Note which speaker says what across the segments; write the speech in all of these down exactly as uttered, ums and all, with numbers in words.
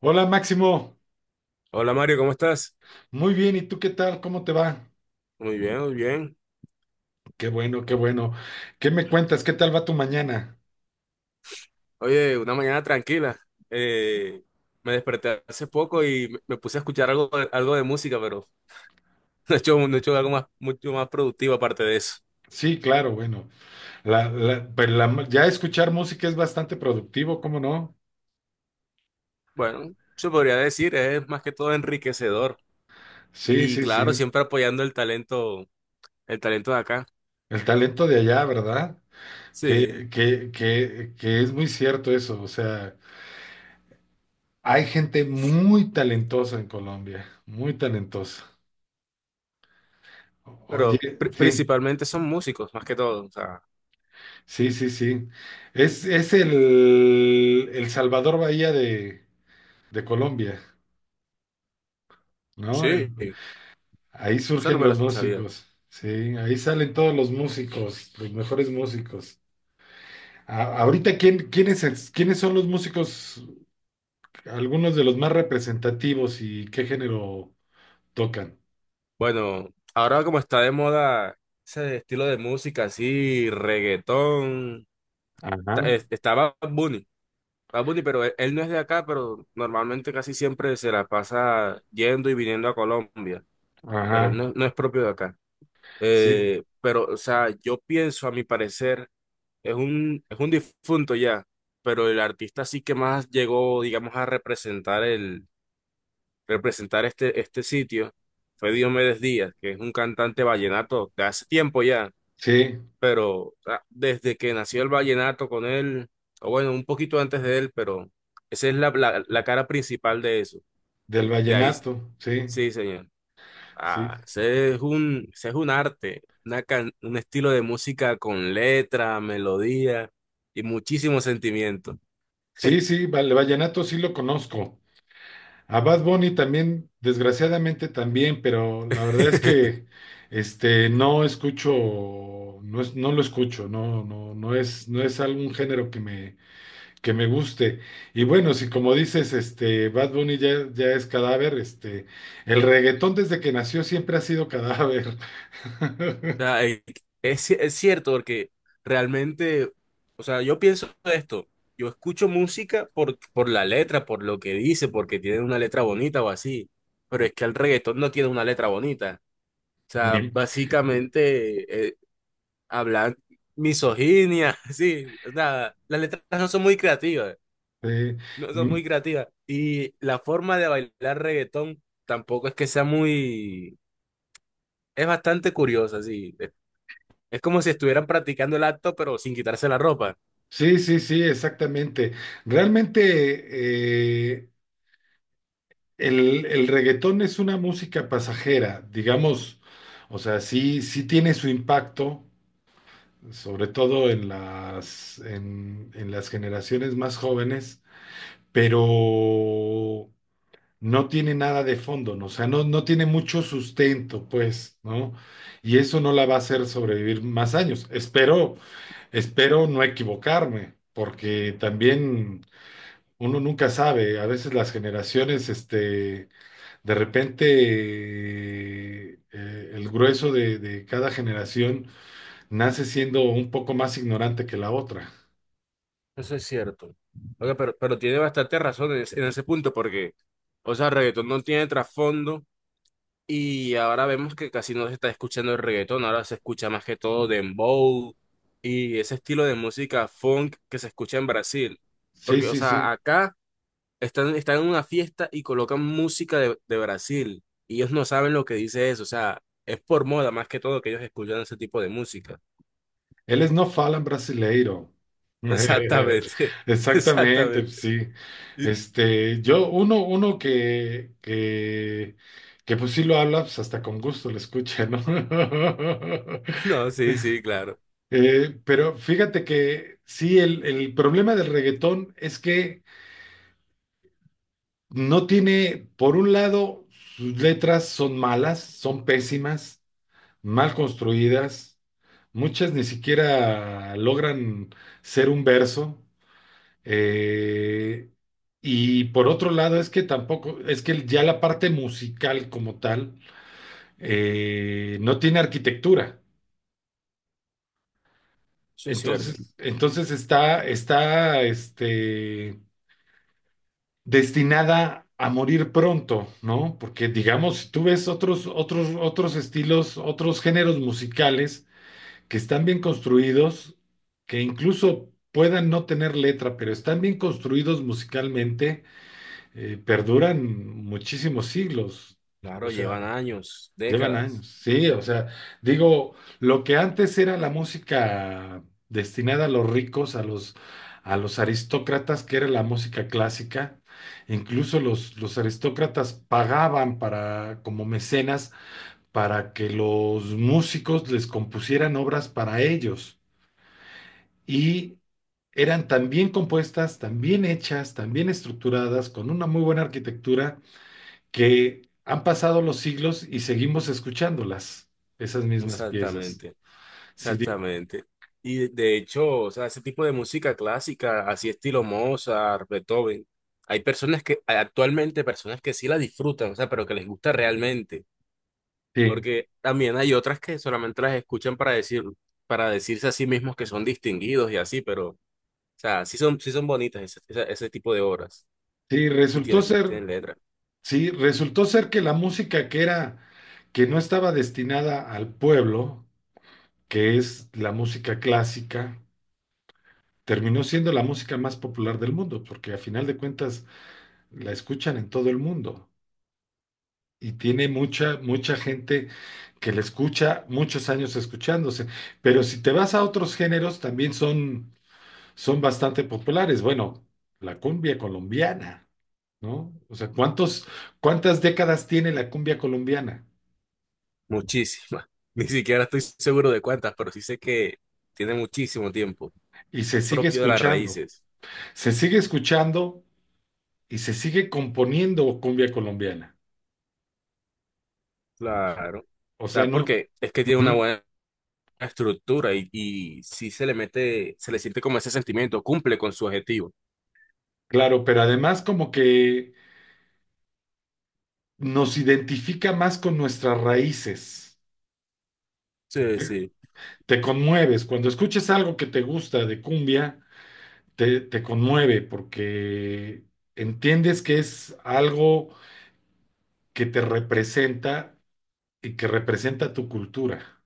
Speaker 1: Hola Máximo,
Speaker 2: Hola Mario, ¿cómo estás?
Speaker 1: muy bien, ¿y tú qué tal? ¿Cómo te va?
Speaker 2: Muy bien, muy bien.
Speaker 1: Qué bueno, qué bueno. ¿Qué me cuentas? ¿Qué tal va tu mañana?
Speaker 2: Oye, una mañana tranquila. Eh, Me desperté hace poco y me me puse a escuchar algo, de- algo de música, pero no he hecho, no he hecho algo más, mucho más productivo aparte de eso.
Speaker 1: Sí, claro, bueno. La, la- pero la- ya escuchar música es bastante productivo, ¿cómo no?
Speaker 2: Bueno, se podría decir, es más que todo enriquecedor.
Speaker 1: Sí,
Speaker 2: Y
Speaker 1: sí,
Speaker 2: claro,
Speaker 1: sí.
Speaker 2: siempre apoyando el talento, el talento de acá.
Speaker 1: El talento de allá, ¿verdad?
Speaker 2: Sí,
Speaker 1: Que, que, que, que es muy cierto eso. O sea, hay gente muy talentosa en Colombia, muy talentosa. Oye,
Speaker 2: pero pri-
Speaker 1: sí,
Speaker 2: principalmente son músicos, más que todo. O sea,
Speaker 1: sí, sí, sí. Es, es el, el Salvador Bahía de... de Colombia, ¿no? El-
Speaker 2: sí, eso
Speaker 1: ahí
Speaker 2: no
Speaker 1: surgen
Speaker 2: me lo
Speaker 1: los
Speaker 2: sabía.
Speaker 1: músicos, sí, ahí salen todos los músicos, los mejores músicos. A- ahorita, ¿quién, quiénes es- quiénes son los músicos, algunos de los más representativos y qué género tocan?
Speaker 2: Bueno, ahora como está de moda ese estilo de música así, reggaetón, ta-
Speaker 1: Ajá,
Speaker 2: es- está Bad Bunny, Bad Bunny, pero él, él no es de acá, pero normalmente casi siempre se la pasa yendo y viniendo a Colombia, pero él
Speaker 1: ajá,
Speaker 2: no, no es propio de acá.
Speaker 1: sí,
Speaker 2: Eh, pero, o sea, yo pienso, a mi parecer, es un, es un difunto ya, pero el artista sí que más llegó, digamos, a representar representar este, este sitio fue Diomedes Díaz, que es un cantante vallenato de hace tiempo ya,
Speaker 1: sí,
Speaker 2: pero ah, desde que nació el vallenato con él, o bueno, un poquito antes de él, pero esa es la, la, la cara principal de eso.
Speaker 1: del
Speaker 2: De ahí,
Speaker 1: vallenato, sí,
Speaker 2: sí, señor.
Speaker 1: sí,
Speaker 2: Ah, ese es un, ese es un arte, una can- un estilo de música con letra, melodía y muchísimo sentimiento.
Speaker 1: sí, sí, el vallenato sí lo conozco. A Bad Bunny también, desgraciadamente también, pero la verdad es que este no escucho, no es- no lo escucho, no, no, no es, no es algún género que me, que me guste. Y bueno, si como dices, este Bad Bunny ya, ya es cadáver, este, el reggaetón desde que nació siempre ha sido cadáver.
Speaker 2: Sea, eh, es, es cierto porque realmente, o sea, yo pienso esto, yo escucho música por, por la letra, por lo que dice, porque tiene una letra bonita o así, pero es que el reggaetón no tiene una letra bonita. O sea,
Speaker 1: Ni-
Speaker 2: básicamente eh, hablan misoginia, sí, o sea, las letras no son muy creativas,
Speaker 1: eh,
Speaker 2: no son
Speaker 1: mm,
Speaker 2: muy creativas. Y la forma de bailar reggaetón tampoco es que sea muy, es bastante curiosa, sí. Es como si estuvieran practicando el acto, pero sin quitarse la ropa.
Speaker 1: sí, sí, sí, exactamente. Realmente, eh, El, el reggaetón es una música pasajera, digamos, o sea, sí, sí tiene su impacto, sobre todo en las, en, en las generaciones más jóvenes, pero no tiene nada de fondo, ¿no? O sea, no, no tiene mucho sustento, pues, ¿no? Y eso no la va a hacer sobrevivir más años. Espero, espero no equivocarme, porque también uno nunca sabe, a veces las generaciones, este de repente, eh, el grueso de, de cada generación nace siendo un poco más ignorante que la otra.
Speaker 2: Eso es cierto. Oiga, pero, pero tiene bastante razón en ese, en ese punto, porque, o sea, el reggaetón no tiene trasfondo y ahora vemos que casi no se está escuchando el reggaetón, ahora se escucha más que todo dembow y ese estilo de música funk que se escucha en Brasil.
Speaker 1: Sí,
Speaker 2: Porque, o
Speaker 1: sí, sí.
Speaker 2: sea, acá están, están en una fiesta y colocan música de, de Brasil y ellos no saben lo que dice eso, o sea, es por moda más que todo que ellos escuchan ese tipo de música.
Speaker 1: Eles não falam brasileiro.
Speaker 2: Exactamente,
Speaker 1: Exactamente,
Speaker 2: exactamente.
Speaker 1: sí.
Speaker 2: Y.
Speaker 1: Este, yo, uno, uno que, que, que pues sí lo habla, pues hasta con gusto lo escucha, ¿no?
Speaker 2: No, sí, sí, claro.
Speaker 1: Eh, pero fíjate que sí, el, el problema del reggaetón es que no tiene, por un lado, sus letras son malas, son pésimas, mal construidas, muchas ni siquiera logran ser un verso. eh, y por otro lado, es que tampoco, es que ya la parte musical como tal eh, no tiene arquitectura.
Speaker 2: Eso es cierto.
Speaker 1: Entonces, entonces está, está, este, destinada a morir pronto, ¿no? Porque digamos, si tú ves otros, otros, otros estilos, otros géneros musicales que están bien construidos, que incluso puedan no tener letra, pero están bien construidos musicalmente, eh, perduran muchísimos siglos. O
Speaker 2: Claro,
Speaker 1: sea,
Speaker 2: llevan años,
Speaker 1: llevan años,
Speaker 2: décadas.
Speaker 1: sí, o sea, digo, lo que antes era la música destinada a los ricos, a los, a los aristócratas, que era la música clásica, incluso los, los aristócratas pagaban para, como mecenas, para que los músicos les compusieran obras para ellos. Y eran tan bien compuestas, tan bien hechas, tan bien estructuradas, con una muy buena arquitectura que han pasado los siglos y seguimos escuchándolas, esas mismas piezas.
Speaker 2: Exactamente,
Speaker 1: Sí, di-
Speaker 2: exactamente. Y de de hecho, o sea, ese tipo de música clásica, así estilo Mozart, Beethoven, hay personas que, hay actualmente personas que sí la disfrutan, o sea, pero que les gusta realmente.
Speaker 1: sí,
Speaker 2: Porque también hay otras que solamente las escuchan para decir, para decirse a sí mismos que son distinguidos y así, pero, o sea, sí son, sí son bonitas ese, ese ese tipo de obras.
Speaker 1: sí,
Speaker 2: Y
Speaker 1: resultó
Speaker 2: tienen,
Speaker 1: ser,
Speaker 2: tienen letras.
Speaker 1: sí, resultó ser que la música que era, que no estaba destinada al pueblo, que es la música clásica, terminó siendo la música más popular del mundo, porque a final de cuentas la escuchan en todo el mundo. Y tiene mucha, mucha gente que la escucha muchos años escuchándose. Pero si te vas a otros géneros, también son, son bastante populares. Bueno, la cumbia colombiana, ¿no? O sea, ¿cuántos, ¿cuántas décadas tiene la cumbia colombiana?
Speaker 2: Muchísimas. Ni siquiera estoy seguro de cuántas, pero sí sé que tiene muchísimo tiempo.
Speaker 1: Y
Speaker 2: Es
Speaker 1: se sigue
Speaker 2: propio de las
Speaker 1: escuchando,
Speaker 2: raíces.
Speaker 1: se sigue escuchando y se sigue componiendo cumbia colombiana.
Speaker 2: Claro. O
Speaker 1: O sea,
Speaker 2: sea,
Speaker 1: no,
Speaker 2: porque es que tiene una
Speaker 1: ujú,
Speaker 2: buena estructura y, y sí se le mete, se le siente como ese sentimiento, cumple con su objetivo.
Speaker 1: claro, pero además como que nos identifica más con nuestras raíces.
Speaker 2: Sí,
Speaker 1: Te,
Speaker 2: sí.
Speaker 1: te conmueves, cuando escuchas algo que te gusta de cumbia, te, te conmueve porque entiendes que es algo que te representa y que representa tu cultura.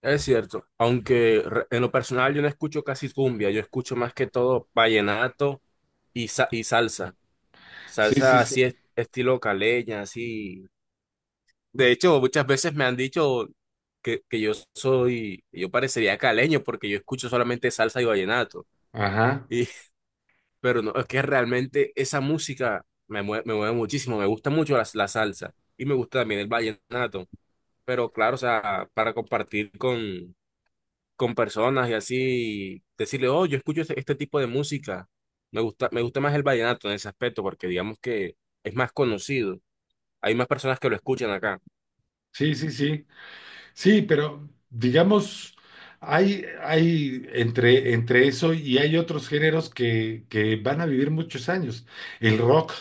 Speaker 2: Es cierto. Aunque re- en lo personal yo no escucho casi cumbia, yo escucho más que todo vallenato y, sa- y salsa.
Speaker 1: Sí, sí,
Speaker 2: Salsa
Speaker 1: sí.
Speaker 2: así es, estilo caleña, así. De hecho, muchas veces me han dicho que, que yo soy, yo parecería caleño porque yo escucho solamente salsa y vallenato.
Speaker 1: Ajá.
Speaker 2: Y, pero no, es que realmente esa música me mueve, me mueve muchísimo, me gusta mucho la, la salsa y me gusta también el vallenato. Pero claro, o sea, para compartir con, con personas y así, decirle, oh, yo escucho este, este tipo de música, me gusta, me gusta más el vallenato en ese aspecto porque digamos que es más conocido, hay más personas que lo escuchan acá.
Speaker 1: Sí, sí, sí. Sí, pero digamos, hay, hay entre, entre eso y hay otros géneros que, que van a vivir muchos años. El rock,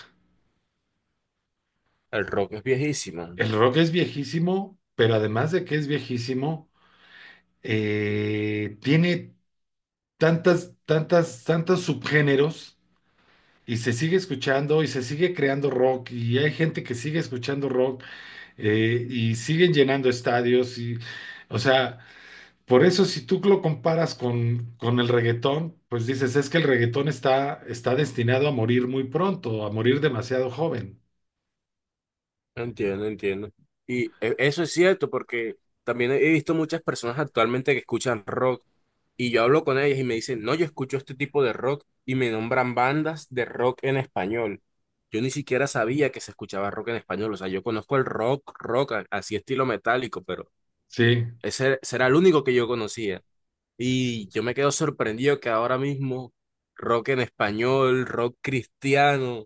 Speaker 2: El rock es viejísimo.
Speaker 1: el rock es viejísimo, pero además de que es viejísimo, eh, tiene tantas, tantas, tantos subgéneros y se sigue escuchando y se sigue creando rock y hay gente que sigue escuchando rock eh, y siguen llenando estadios y, o sea, por eso si tú lo comparas con, con el reggaetón, pues dices, es que el reggaetón está, está destinado a morir muy pronto, a morir demasiado joven.
Speaker 2: Entiendo, entiendo. Y e- eso es cierto porque también he visto muchas personas actualmente que escuchan rock y yo hablo con ellas y me dicen, no, yo escucho este tipo de rock y me nombran bandas de rock en español. Yo ni siquiera sabía que se escuchaba rock en español, o sea, yo conozco el rock, rock, a- así estilo metálico, pero
Speaker 1: Sí.
Speaker 2: ese será el único que yo conocía. Y yo me quedo sorprendido que ahora mismo rock en español, rock cristiano,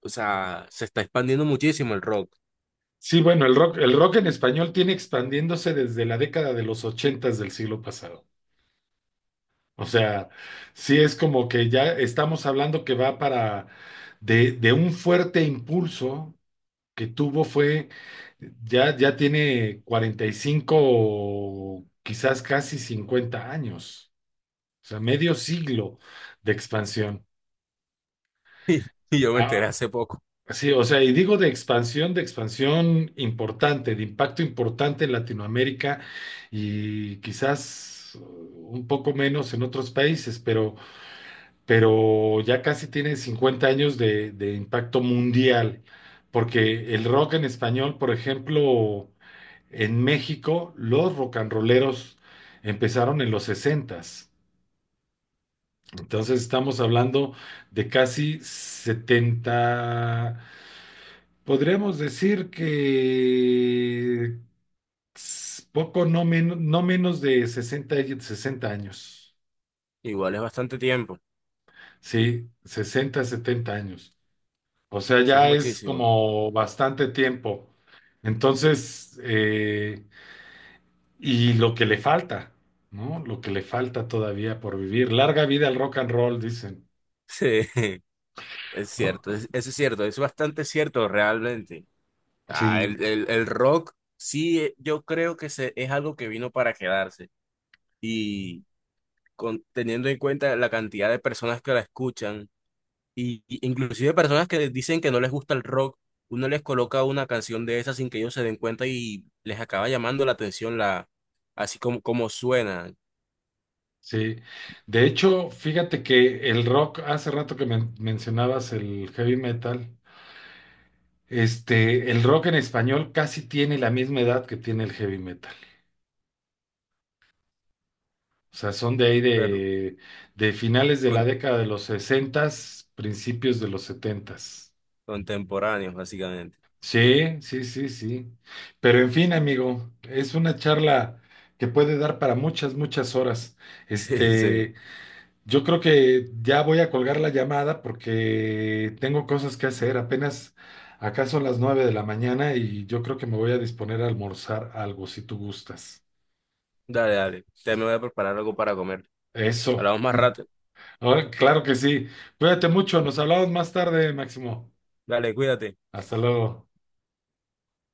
Speaker 2: o sea, se está expandiendo muchísimo el rock.
Speaker 1: Sí, bueno, el rock, el rock en español tiene expandiéndose desde la década de los ochentas del siglo pasado. O sea, sí es como que ya estamos hablando que va para de, de un fuerte impulso que tuvo fue, ya, ya tiene cuarenta y cinco, o quizás casi cincuenta años, o sea, medio siglo de expansión.
Speaker 2: Y yo me enteré
Speaker 1: Ah,
Speaker 2: hace poco.
Speaker 1: sí, o sea, y digo de expansión, de expansión importante, de impacto importante en Latinoamérica y quizás uh, un poco menos en otros países, pero, pero ya casi tiene cincuenta años de de impacto mundial, porque el rock en español, por ejemplo, en México, los rock and rolleros empezaron en los sesenta. Entonces estamos hablando de casi setenta, podríamos decir que s- poco, no, men- no menos de sesenta, y- sesenta años.
Speaker 2: Igual es bastante tiempo.
Speaker 1: Sí, sesenta, setenta años. O sea,
Speaker 2: Eso es
Speaker 1: ya es
Speaker 2: muchísimo.
Speaker 1: como bastante tiempo. Entonces, eh, y lo que le falta, ¿no? Lo que le falta todavía por vivir. Larga vida al rock and roll, dicen.
Speaker 2: Sí, es
Speaker 1: Oh,
Speaker 2: cierto. Es- eso es cierto. Es bastante cierto realmente. Ah,
Speaker 1: sí,
Speaker 2: el, el, el rock, sí, eh, yo creo que se, es algo que vino para quedarse. Y con, teniendo en cuenta la cantidad de personas que la escuchan, y, y inclusive personas que dicen que no les gusta el rock, uno les coloca una canción de esas sin que ellos se den cuenta y les acaba llamando la atención la, así como, como suena.
Speaker 1: sí. De hecho, fíjate que el rock, hace rato que men- mencionabas el heavy metal, este, el rock en español casi tiene la misma edad que tiene el heavy metal. O sea, son de ahí
Speaker 2: Pero,
Speaker 1: de, de finales de la
Speaker 2: con-
Speaker 1: década de los sesentas, principios de los setentas.
Speaker 2: Contemporáneos, básicamente.
Speaker 1: Sí, sí, sí, sí. Pero en fin, amigo, es una charla que puede dar para muchas, muchas horas.
Speaker 2: Sí, sí.
Speaker 1: Este, yo creo que ya voy a colgar la llamada porque tengo cosas que hacer. Apenas acá son las nueve de la mañana y yo creo que me voy a disponer a almorzar algo, si tú gustas.
Speaker 2: Dale, dale. Ya me voy a preparar algo para comer.
Speaker 1: Eso.
Speaker 2: Hablamos más rato.
Speaker 1: Ahora, claro que sí. Cuídate mucho. Nos hablamos más tarde, Máximo.
Speaker 2: Dale, cuídate.
Speaker 1: Hasta luego.